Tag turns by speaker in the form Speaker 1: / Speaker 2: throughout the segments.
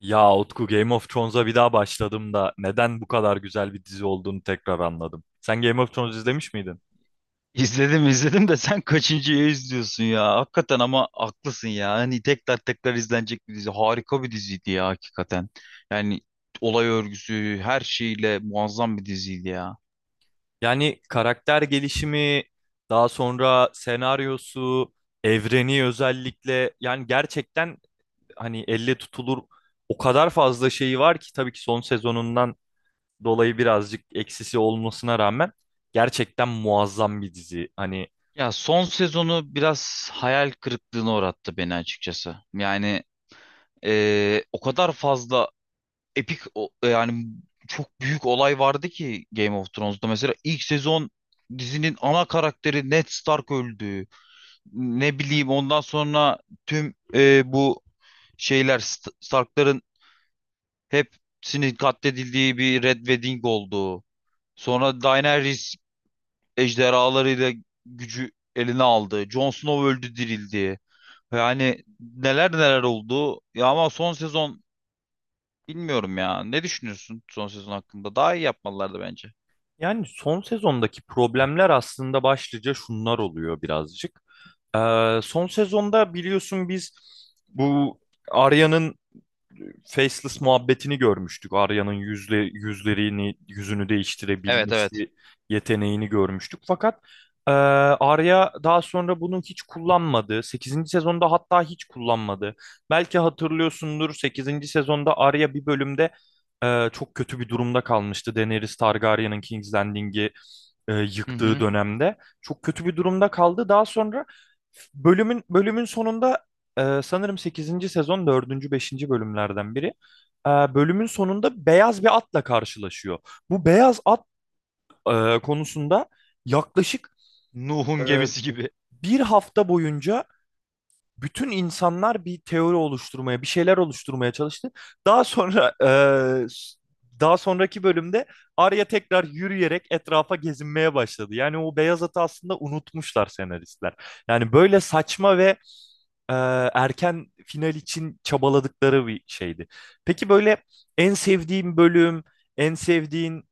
Speaker 1: Ya Utku Game of Thrones'a bir daha başladım da neden bu kadar güzel bir dizi olduğunu tekrar anladım. Sen Game of Thrones izlemiş miydin?
Speaker 2: İzledim izledim de sen kaçıncıyı izliyorsun ya? Hakikaten ama haklısın ya. Hani tekrar tekrar izlenecek bir dizi. Harika bir diziydi ya hakikaten. Yani olay örgüsü her şeyle muazzam bir diziydi ya.
Speaker 1: Yani karakter gelişimi, daha sonra senaryosu, evreni özellikle yani gerçekten hani elle tutulur o kadar fazla şeyi var ki tabii ki son sezonundan dolayı birazcık eksisi olmasına rağmen gerçekten muazzam bir dizi. Hani.
Speaker 2: Ya son sezonu biraz hayal kırıklığına uğrattı beni açıkçası. Yani o kadar fazla yani çok büyük olay vardı ki Game of Thrones'da. Mesela ilk sezon dizinin ana karakteri Ned Stark öldü. Ne bileyim, ondan sonra tüm bu Stark'ların hepsinin katledildiği bir Red Wedding oldu. Sonra Daenerys ejderhalarıyla gücü eline aldı. Jon Snow öldü, dirildi. Yani neler neler oldu. Ya ama son sezon, bilmiyorum ya. Ne düşünüyorsun son sezon hakkında? Daha iyi yapmalılardı bence.
Speaker 1: Yani son sezondaki problemler aslında başlıca şunlar oluyor birazcık. Son sezonda biliyorsun biz bu Arya'nın faceless muhabbetini görmüştük. Arya'nın yüzlerini, yüzünü
Speaker 2: Evet, evet.
Speaker 1: değiştirebilmesi yeteneğini görmüştük. Fakat Arya daha sonra bunu hiç kullanmadı. Sekizinci sezonda hatta hiç kullanmadı. Belki hatırlıyorsundur sekizinci sezonda Arya bir bölümde çok kötü bir durumda kalmıştı. Daenerys Targaryen'ın King's Landing'i
Speaker 2: Hı
Speaker 1: yıktığı
Speaker 2: hı.
Speaker 1: dönemde. Çok kötü bir durumda kaldı. Daha sonra bölümün sonunda sanırım sekizinci sezon dördüncü beşinci bölümlerden biri. Bölümün sonunda beyaz bir atla karşılaşıyor. Bu beyaz at konusunda yaklaşık e,
Speaker 2: Nuh'un gemisi gibi.
Speaker 1: bir hafta boyunca bütün insanlar bir teori oluşturmaya, bir şeyler oluşturmaya çalıştı. Daha sonra daha sonraki bölümde Arya tekrar yürüyerek etrafa gezinmeye başladı. Yani o beyaz atı aslında unutmuşlar senaristler. Yani böyle saçma ve erken final için çabaladıkları bir şeydi. Peki böyle en sevdiğin bölüm, en sevdiğin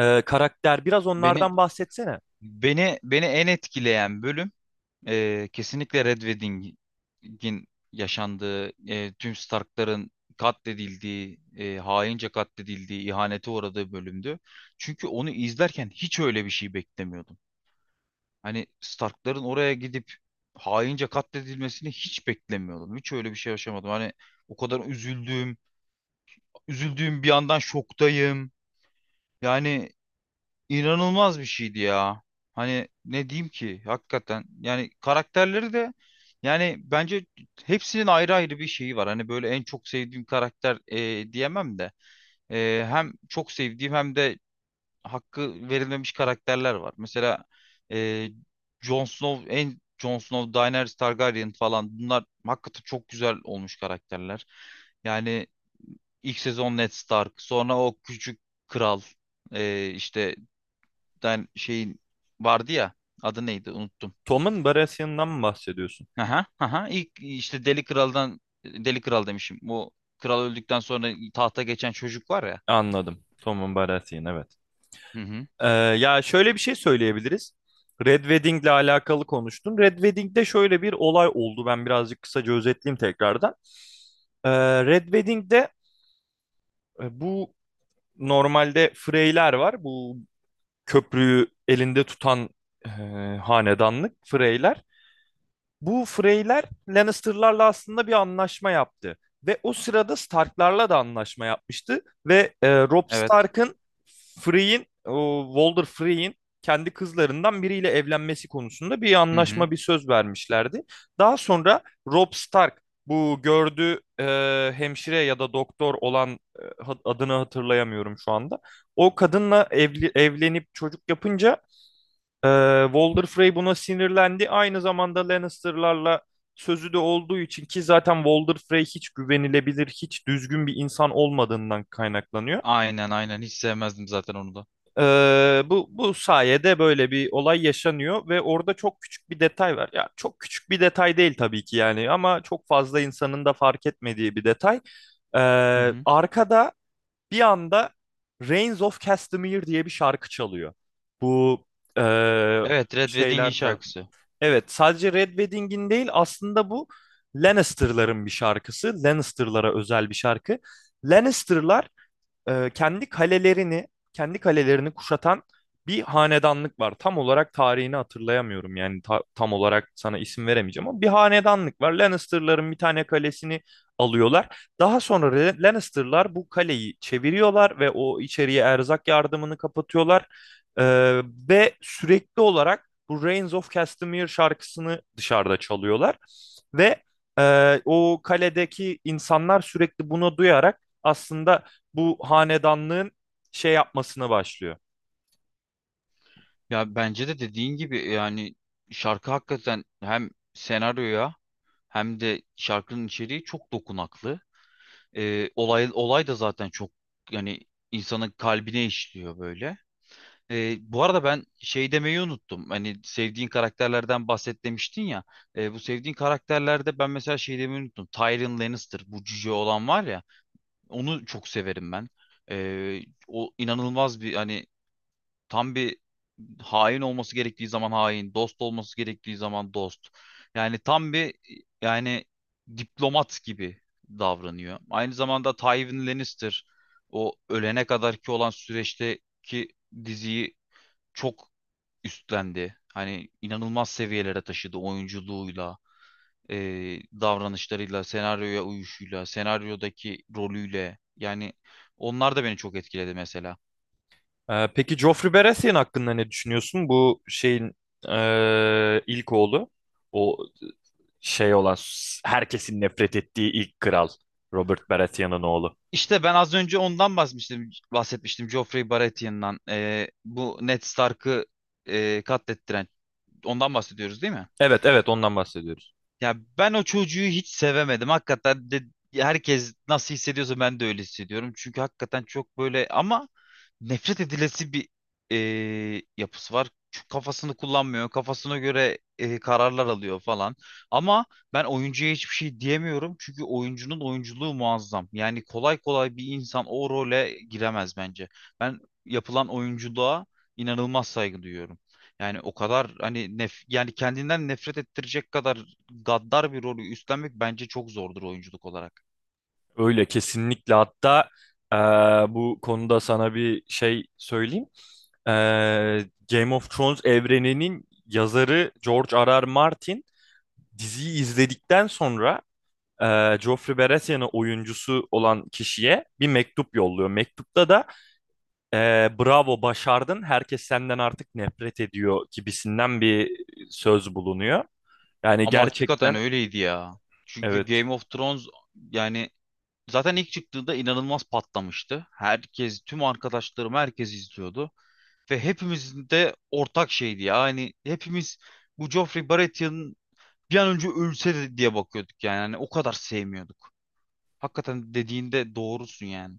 Speaker 1: karakter biraz
Speaker 2: Beni
Speaker 1: onlardan bahsetsene.
Speaker 2: beni en etkileyen bölüm, kesinlikle Red Wedding'in yaşandığı, tüm Stark'ların katledildiği, haince katledildiği, ihanete uğradığı bölümdü. Çünkü onu izlerken hiç öyle bir şey beklemiyordum. Hani Stark'ların oraya gidip haince katledilmesini hiç beklemiyordum. Hiç öyle bir şey yaşamadım. Hani o kadar üzüldüm, üzüldüğüm bir yandan şoktayım. Yani inanılmaz bir şeydi ya. Hani ne diyeyim ki hakikaten, yani karakterleri de, yani bence hepsinin ayrı ayrı bir şeyi var. Hani böyle en çok sevdiğim karakter diyemem de hem çok sevdiğim hem de hakkı verilmemiş karakterler var. Mesela e, Jon Snow en Jon Snow, Daenerys Targaryen falan, bunlar hakikaten çok güzel olmuş karakterler. Yani ilk sezon Ned Stark, sonra o küçük kral, işte tane şeyin vardı ya. Adı neydi? Unuttum.
Speaker 1: Tom'un Baratheon'dan mı bahsediyorsun?
Speaker 2: Aha, aha. İlk işte Deli Kral'dan, Deli Kral demişim. Bu kral öldükten sonra tahta geçen çocuk var ya.
Speaker 1: Anladım. Tom'un Baratheon, evet.
Speaker 2: Hı hı.
Speaker 1: Ee, Ya şöyle bir şey söyleyebiliriz. Red Wedding'le alakalı konuştun. Red Wedding'de şöyle bir olay oldu. Ben birazcık kısaca özetleyeyim tekrardan. Red Wedding'de bu normalde Freyler var. Bu köprüyü elinde tutan e, hanedanlık Freyler. Bu Freyler Lannister'larla aslında bir anlaşma yaptı. Ve o sırada Stark'larla da anlaşma yapmıştı. Ve Robb
Speaker 2: Evet.
Speaker 1: Stark'ın Frey'in, o Walder Frey'in kendi kızlarından biriyle evlenmesi konusunda bir
Speaker 2: Hı hı.
Speaker 1: anlaşma, bir söz vermişlerdi. Daha sonra Robb Stark bu gördüğü hemşire ya da doktor olan, e, adını hatırlayamıyorum şu anda. O kadınla evli, evlenip çocuk yapınca ee, Walder Frey buna sinirlendi. Aynı zamanda Lannister'larla sözü de olduğu için ki zaten Walder Frey hiç güvenilebilir, hiç düzgün bir insan olmadığından kaynaklanıyor.
Speaker 2: Aynen, aynen. Hiç sevmezdim zaten onu da.
Speaker 1: Bu sayede böyle bir olay yaşanıyor ve orada çok küçük bir detay var. Ya çok küçük bir detay değil tabii ki yani, ama çok fazla insanın da fark etmediği bir detay. Ee,
Speaker 2: Hı hı.
Speaker 1: Arkada bir anda Reigns of Castamere diye bir şarkı çalıyor. Bu ee,
Speaker 2: Evet, Red Wedding'in
Speaker 1: şeyler tarafı.
Speaker 2: şarkısı.
Speaker 1: Evet, sadece Red Wedding'in değil, aslında bu Lannister'ların bir şarkısı. Lannister'lara özel bir şarkı. Lannister'lar e, kendi kalelerini kendi kalelerini kuşatan bir hanedanlık var. Tam olarak tarihini hatırlayamıyorum yani, tam olarak sana isim veremeyeceğim ama bir hanedanlık var. Lannister'ların bir tane kalesini alıyorlar. Daha sonra Lannister'lar bu kaleyi çeviriyorlar ve o içeriye erzak yardımını kapatıyorlar. E, Ve sürekli olarak bu Reigns of Castamere şarkısını dışarıda çalıyorlar ve o kaledeki insanlar sürekli bunu duyarak aslında bu hanedanlığın şey yapmasına başlıyor.
Speaker 2: Ya bence de dediğin gibi, yani şarkı hakikaten hem senaryoya hem de şarkının içeriği çok dokunaklı. Olay da zaten çok, yani insanın kalbine işliyor böyle. E, bu arada ben şey demeyi unuttum. Hani sevdiğin karakterlerden bahset demiştin ya. E, bu sevdiğin karakterlerde ben mesela şey demeyi unuttum. Tyrion Lannister, bu cüce olan var ya. Onu çok severim ben. E, o inanılmaz bir, hani tam bir, hain olması gerektiği zaman hain, dost olması gerektiği zaman dost. Yani tam bir, yani diplomat gibi davranıyor. Aynı zamanda Tywin Lannister, o ölene kadarki olan süreçteki diziyi çok üstlendi. Hani inanılmaz seviyelere taşıdı oyunculuğuyla, e, davranışlarıyla, senaryoya uyuşuyla, senaryodaki rolüyle. Yani onlar da beni çok etkiledi mesela.
Speaker 1: Peki Joffrey Baratheon hakkında ne düşünüyorsun? Bu şeyin ilk oğlu. O şey olan, herkesin nefret ettiği ilk kral Robert Baratheon'un oğlu.
Speaker 2: İşte ben az önce ondan bahsetmiştim Joffrey Baratheon'dan. E, bu Ned Stark'ı katlettiren. Ondan bahsediyoruz değil mi?
Speaker 1: Evet, evet, ondan bahsediyoruz.
Speaker 2: Ya ben o çocuğu hiç sevemedim. Hakikaten de herkes nasıl hissediyorsa ben de öyle hissediyorum. Çünkü hakikaten çok böyle ama nefret edilesi bir e, yapısı var. Çünkü kafasını kullanmıyor. Kafasına göre kararlar alıyor falan. Ama ben oyuncuya hiçbir şey diyemiyorum. Çünkü oyuncunun oyunculuğu muazzam. Yani kolay kolay bir insan o role giremez bence. Ben yapılan oyunculuğa inanılmaz saygı duyuyorum. Yani o kadar hani nef, yani kendinden nefret ettirecek kadar gaddar bir rolü üstlenmek bence çok zordur oyunculuk olarak.
Speaker 1: Öyle kesinlikle, hatta eee, bu konuda sana bir şey söyleyeyim. Ee, Game of Thrones evreninin yazarı George R. R. Martin diziyi izledikten sonra Joffrey Baratheon'ın oyuncusu olan kişiye bir mektup yolluyor. Mektupta da e, bravo başardın, herkes senden artık nefret ediyor gibisinden bir söz bulunuyor. Yani
Speaker 2: Ama hakikaten
Speaker 1: gerçekten,
Speaker 2: öyleydi ya. Çünkü
Speaker 1: evet.
Speaker 2: Game of Thrones, yani zaten ilk çıktığında inanılmaz patlamıştı. Herkes, tüm arkadaşlarım, herkes izliyordu. Ve hepimizin de ortak şeydi ya. Hani hepimiz bu Joffrey Baratheon bir an önce ölse de diye bakıyorduk yani. Hani o kadar sevmiyorduk. Hakikaten dediğinde doğrusun yani.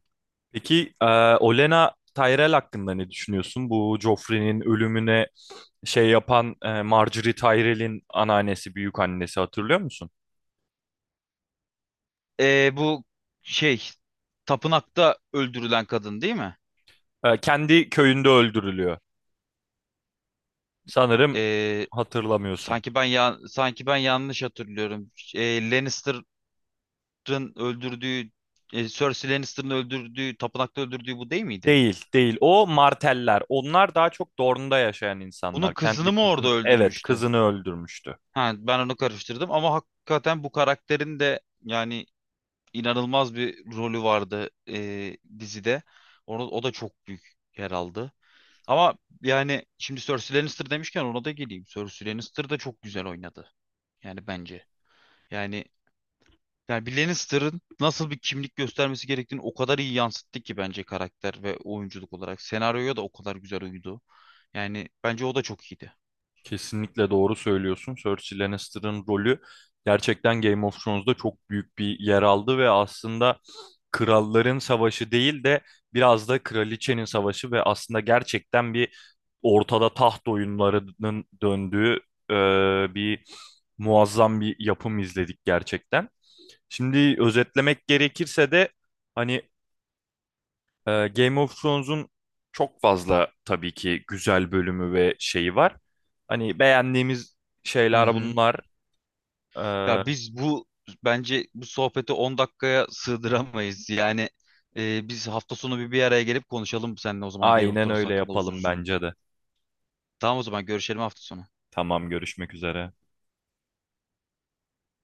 Speaker 1: Peki Olenna Tyrell hakkında ne düşünüyorsun? Bu Joffrey'nin ölümüne şey yapan, Margaery Tyrell'in anneannesi, büyük annesi, hatırlıyor musun?
Speaker 2: Bu şey, tapınakta öldürülen kadın değil mi?
Speaker 1: Kendi köyünde öldürülüyor. Sanırım
Speaker 2: Ee,
Speaker 1: hatırlamıyorsun.
Speaker 2: Sanki ben, ya sanki ben yanlış hatırlıyorum. E, Lannister'ın öldürdüğü, Cersei Lannister'ın öldürdüğü, tapınakta öldürdüğü bu değil miydi?
Speaker 1: Değil, değil. O marteller. Onlar daha çok Dorne'da yaşayan
Speaker 2: Bunun
Speaker 1: insanlar. Kendi
Speaker 2: kızını mı orada
Speaker 1: kızını, evet,
Speaker 2: öldürmüştü?
Speaker 1: kızını öldürmüştü.
Speaker 2: Ha, ben onu karıştırdım ama hakikaten bu karakterin de yani inanılmaz bir rolü vardı dizide. Onu, o da çok büyük yer aldı. Ama yani şimdi Cersei Lannister demişken ona da geleyim. Cersei Lannister da çok güzel oynadı. Yani bence. Yani Yani bir Lannister'ın nasıl bir kimlik göstermesi gerektiğini o kadar iyi yansıttı ki bence karakter ve oyunculuk olarak. Senaryoya da o kadar güzel uydu. Yani bence o da çok iyiydi.
Speaker 1: Kesinlikle doğru söylüyorsun. Cersei Lannister'ın rolü gerçekten Game of Thrones'da çok büyük bir yer aldı ve aslında kralların savaşı değil de biraz da kraliçenin savaşı ve aslında gerçekten bir ortada taht oyunlarının döndüğü e, bir muazzam bir yapım izledik gerçekten. Şimdi özetlemek gerekirse de hani Game of Thrones'un çok fazla tabii ki güzel bölümü ve şeyi var. Hani beğendiğimiz
Speaker 2: Hı
Speaker 1: şeyler
Speaker 2: hı.
Speaker 1: bunlar. Ee,
Speaker 2: Ya biz bu, bence bu sohbeti 10 dakikaya sığdıramayız. Yani biz hafta sonu bir araya gelip konuşalım seninle, o zaman Game of
Speaker 1: aynen
Speaker 2: Thrones
Speaker 1: öyle
Speaker 2: hakkında uzun
Speaker 1: yapalım
Speaker 2: uzun.
Speaker 1: bence de.
Speaker 2: Tamam, o zaman görüşelim hafta sonu.
Speaker 1: Tamam, görüşmek üzere.